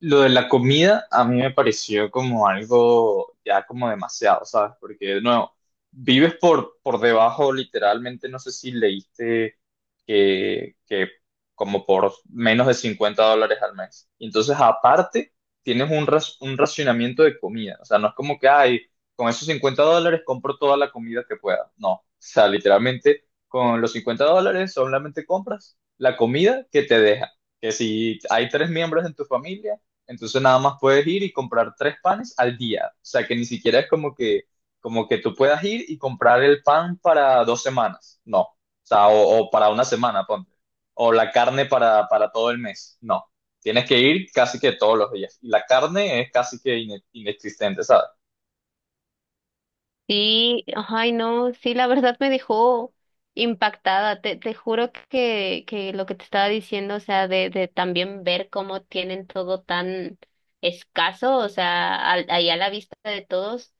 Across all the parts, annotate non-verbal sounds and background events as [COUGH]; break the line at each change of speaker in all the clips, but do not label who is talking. Lo de la comida a mí me pareció como algo ya como demasiado, ¿sabes? Porque de nuevo, vives por debajo literalmente, no sé si leíste que como por menos de $50 al mes. Y entonces aparte tienes un racionamiento de comida, o sea, no es como que, ay, con esos $50 compro toda la comida que pueda, no, o sea, literalmente con los $50 solamente compras la comida que te deja que si hay tres miembros en tu familia, entonces nada más puedes ir y comprar tres panes al día. O sea que ni siquiera es como que tú puedas ir y comprar el pan para 2 semanas. No. O sea, o para una semana, ponte. O la carne para todo el mes. No. Tienes que ir casi que todos los días. Y la carne es casi que inexistente, ¿sabes?
Sí, ay no, sí, la verdad me dejó impactada. Te juro que lo que te estaba diciendo, o sea, de también ver cómo tienen todo tan escaso, o sea, al, ahí a la vista de todos,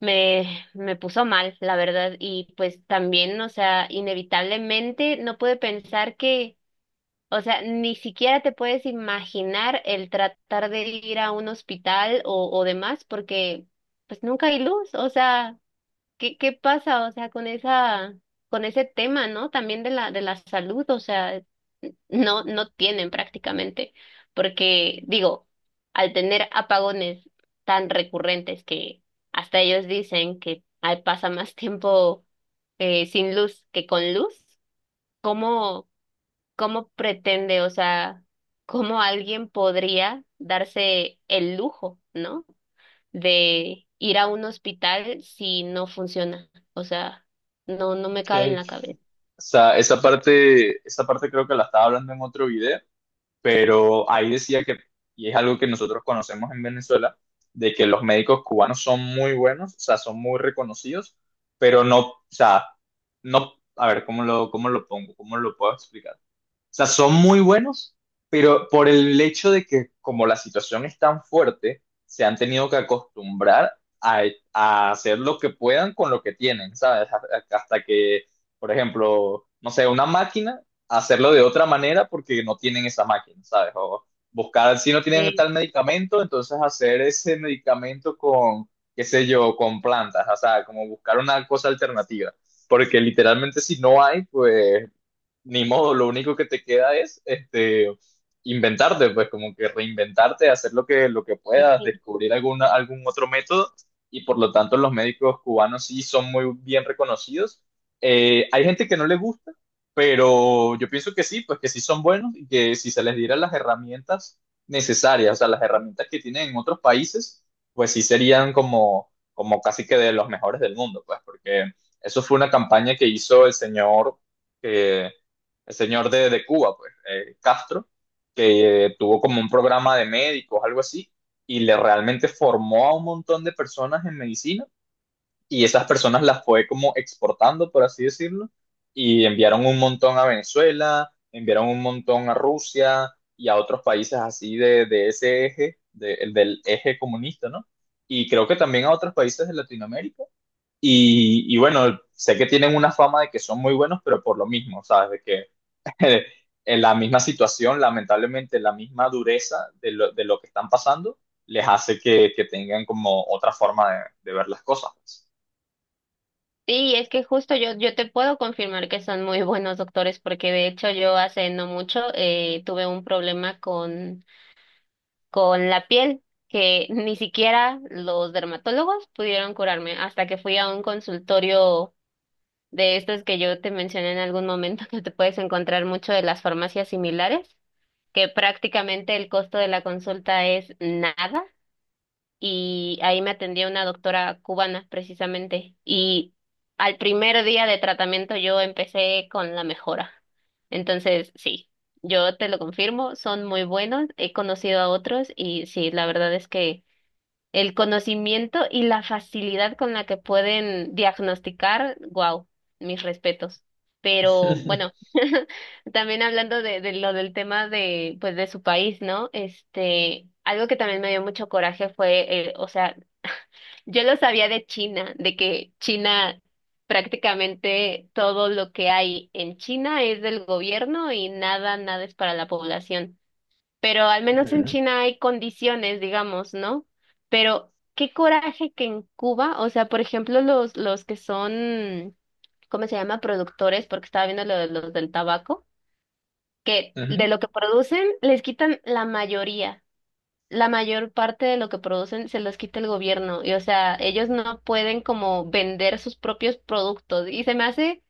me, me puso mal, la verdad. Y pues también, o sea, inevitablemente no pude pensar que, o sea, ni siquiera te puedes imaginar el tratar de ir a un hospital o demás, porque pues nunca hay luz, o sea. ¿Qué pasa, o sea, con esa, con ese tema, ¿no? También de la salud, o sea, no, no tienen prácticamente, porque digo, al tener apagones tan recurrentes que hasta ellos dicen que ay, pasa más tiempo sin luz que con luz, ¿cómo, cómo pretende, o sea, cómo alguien podría darse el lujo, ¿no? de ir a un hospital si no funciona. O sea, no, no me cabe en
Ok.
la cabeza.
O sea, esa parte creo que la estaba hablando en otro video, pero ahí decía que, y es algo que nosotros conocemos en Venezuela, de que los médicos cubanos son muy buenos, o sea, son muy reconocidos, pero no, o sea, no, a ver, ¿cómo lo pongo? ¿Cómo lo puedo explicar? O sea, son muy buenos, pero por el hecho de que como la situación es tan fuerte, se han tenido que acostumbrar a, a hacer lo que puedan con lo que tienen, ¿sabes? Hasta que, por ejemplo, no sé, una máquina, hacerlo de otra manera porque no tienen esa máquina, ¿sabes? O buscar, si no tienen
Sí,
tal medicamento, entonces hacer ese medicamento con, qué sé yo, con plantas, o sea, como buscar una cosa alternativa. Porque literalmente si no hay, pues ni modo, lo único que te queda es este, inventarte, pues como que reinventarte, hacer lo que, puedas,
sí.
descubrir alguna, algún otro método y por lo tanto los médicos cubanos sí son muy bien reconocidos. Hay gente que no le gusta, pero yo pienso que sí, pues que sí son buenos y que si se les diera las herramientas necesarias, o sea, las herramientas que tienen en otros países, pues sí serían como casi que de los mejores del mundo, pues porque eso fue una campaña que hizo eh, el señor de Cuba, pues, Castro, que tuvo como un programa de médicos, algo así, y le realmente formó a un montón de personas en medicina y esas personas las fue como exportando, por así decirlo, y enviaron un montón a Venezuela, enviaron un montón a Rusia y a otros países así de, ese eje, el del eje comunista, ¿no? Y creo que también a otros países de Latinoamérica. Y bueno, sé que tienen una fama de que son muy buenos, pero por lo mismo, ¿sabes? De que [LAUGHS] en la misma situación, lamentablemente, la misma dureza de lo, que están pasando, les hace que, tengan como otra forma de ver las cosas.
Sí, es que justo yo, yo te puedo confirmar que son muy [LAUGHS] buenos doctores, porque de hecho yo hace no mucho tuve un problema con la piel, que ni siquiera los dermatólogos pudieron curarme hasta que fui a un consultorio de estos que yo te mencioné en algún momento, [LAUGHS] que te puedes encontrar mucho de las farmacias similares, que prácticamente el costo de la consulta es nada. Y ahí me atendía una doctora cubana precisamente. Y al primer día de tratamiento yo empecé con la mejora. Entonces, sí, yo te lo confirmo, son muy buenos. He conocido a otros y sí, la verdad es que... El conocimiento y la facilidad con la que pueden diagnosticar, wow, mis respetos. Pero bueno,
[LAUGHS]
[LAUGHS] también hablando de lo del tema de, pues, de su país, ¿no? Este, algo que también me dio mucho coraje fue, o sea, yo lo sabía de China, de que China prácticamente todo lo que hay en China es del gobierno y nada, nada es para la población pero al menos en
Ujú,
China hay condiciones, digamos, ¿no? Pero qué coraje que en Cuba, o sea, por ejemplo, los que son, ¿cómo se llama? Productores, porque estaba viendo lo de los del tabaco, que
ujú.
de lo que producen les quitan la mayoría. La mayor parte de lo que producen se los quita el gobierno y o sea, ellos no pueden como vender sus propios productos y se me hace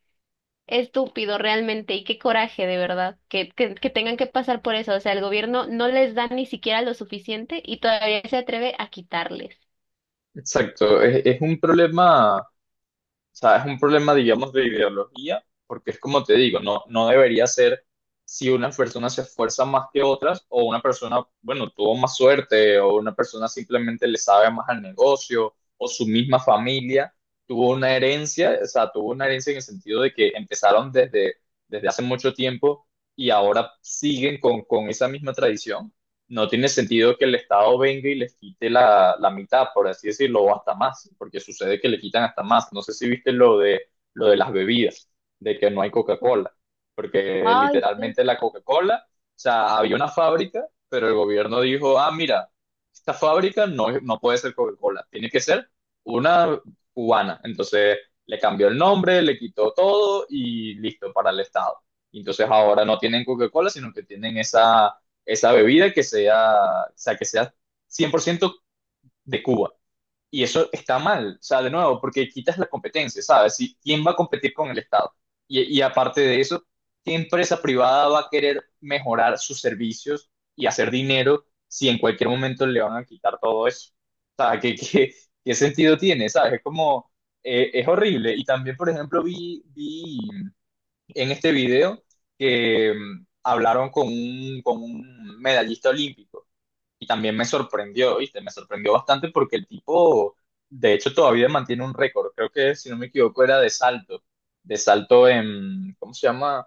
estúpido realmente y qué coraje de verdad que tengan que pasar por eso. O sea, el gobierno no les da ni siquiera lo suficiente y todavía se atreve a quitarles.
Exacto, es un problema. O sea, es un problema, digamos, de ideología, porque es como te digo, no, no debería ser si una persona se esfuerza más que otras o una persona, bueno, tuvo más suerte o una persona simplemente le sabe más al negocio o su misma familia tuvo una herencia, o sea, tuvo una herencia en el sentido de que empezaron desde, hace mucho tiempo y ahora siguen con esa misma tradición. No tiene sentido que el Estado venga y les quite la mitad, por así decirlo, o hasta más, porque sucede que le quitan hasta más. No sé si viste lo de las bebidas, de que no hay Coca-Cola, porque
Ay, sí.
literalmente la Coca-Cola, o sea, había una fábrica, pero el gobierno dijo, ah, mira, esta fábrica no, no puede ser Coca-Cola, tiene que ser una cubana. Entonces le cambió el nombre, le quitó todo y listo para el Estado. Y entonces ahora no tienen Coca-Cola, sino que tienen esa bebida que sea, o sea, que sea 100% de Cuba. Y eso está mal, o sea, de nuevo, porque quitas la competencia, ¿sabes? Si, ¿quién va a competir con el Estado? Y aparte de eso, ¿qué empresa privada va a querer mejorar sus servicios y hacer dinero si en cualquier momento le van a quitar todo eso? O sea, ¿qué, sentido tiene? ¿Sabes? Es como, es horrible. Y también, por ejemplo, vi en este video que hablaron con un medallista olímpico y también me sorprendió, ¿viste? Me sorprendió bastante porque el tipo, de hecho, todavía mantiene un récord. Creo que, si no me equivoco, era de salto en, ¿cómo se llama?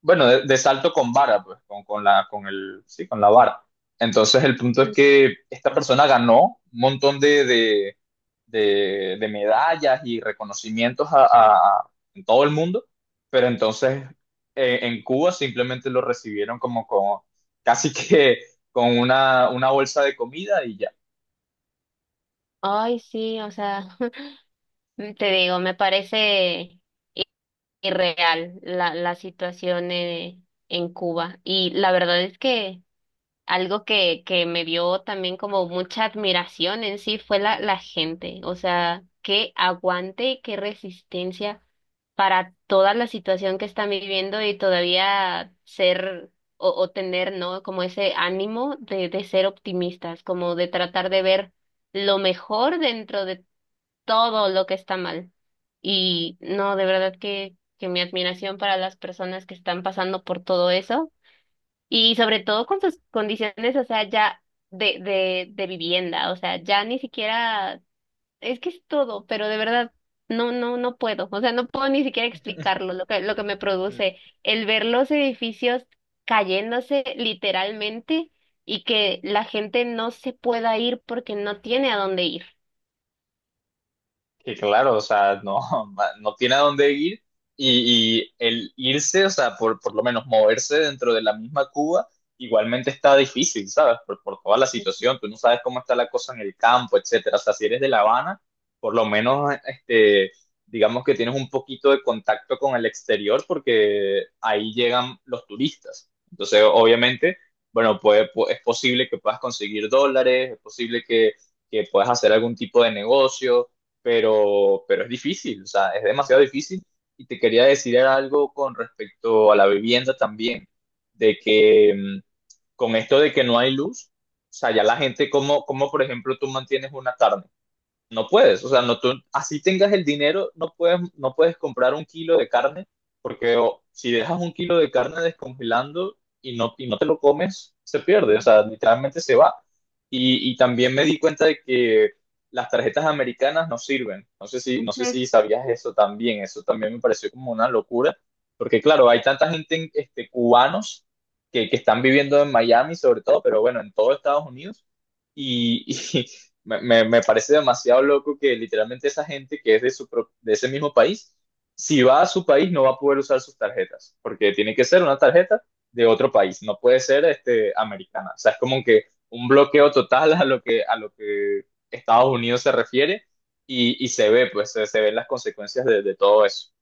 Bueno, de salto con vara, pues, con la, con el, sí, con la vara. Entonces, el punto es que esta persona ganó un montón de, de medallas y reconocimientos a en todo el mundo, pero entonces en Cuba simplemente lo recibieron como, como casi que con una, bolsa de comida y ya.
Ay, sí, o sea, [LAUGHS] te digo, me parece irreal la, la situación en Cuba. Y la verdad es que algo que me dio también como mucha admiración en sí fue la, la gente, o sea, qué aguante y qué resistencia para toda la situación que están viviendo y todavía ser o tener, ¿no? Como ese ánimo de ser optimistas, como de tratar de ver lo mejor dentro de todo lo que está mal. Y no, de verdad que mi admiración para las personas que están pasando por todo eso. Y sobre todo con sus condiciones, o sea, ya de vivienda, o sea, ya ni siquiera, es que es todo, pero de verdad, no, no, no puedo, o sea, no puedo ni siquiera explicarlo, lo que me produce
[LAUGHS]
el ver los edificios cayéndose literalmente y que la gente no se pueda ir porque no tiene a dónde ir.
Que claro, o sea, no, [LAUGHS] no tiene a dónde ir y el irse, o sea, por, lo menos moverse dentro de la misma Cuba, igualmente está difícil, ¿sabes? por toda la situación, tú no sabes cómo está la cosa en el campo, etcétera. O sea, si eres de La Habana, por lo menos, este, digamos que tienes un poquito de contacto con el exterior porque ahí llegan los turistas. Entonces, obviamente, bueno, pues, es posible que puedas conseguir dólares, es posible que, puedas hacer algún tipo de negocio, pero es difícil, o sea, es demasiado difícil. Y te quería decir algo con respecto a la vivienda también, de que con esto de que no hay luz, o sea, ya la gente, como, por ejemplo tú mantienes una carne? No puedes, o sea, no, tú, así tengas el dinero, no puedes, comprar un kilo de carne, porque o, si dejas un kilo de carne descongelando y no te lo comes, se pierde, o
Mm,
sea, literalmente se va. Y también me di cuenta de que las tarjetas americanas no sirven. No sé si, no sé
ujú.
si sabías eso también me pareció como una locura, porque claro, hay tanta gente, este, cubanos que, están viviendo en Miami sobre todo, pero bueno, en todo Estados Unidos y, [LAUGHS] me parece demasiado loco que literalmente esa gente que es de ese mismo país, si va a su país no va a poder usar sus tarjetas, porque tiene que ser una tarjeta de otro país, no puede ser este, americana. O sea, es como que un bloqueo total a lo que Estados Unidos se refiere y se ve, pues se ven las consecuencias de, todo eso.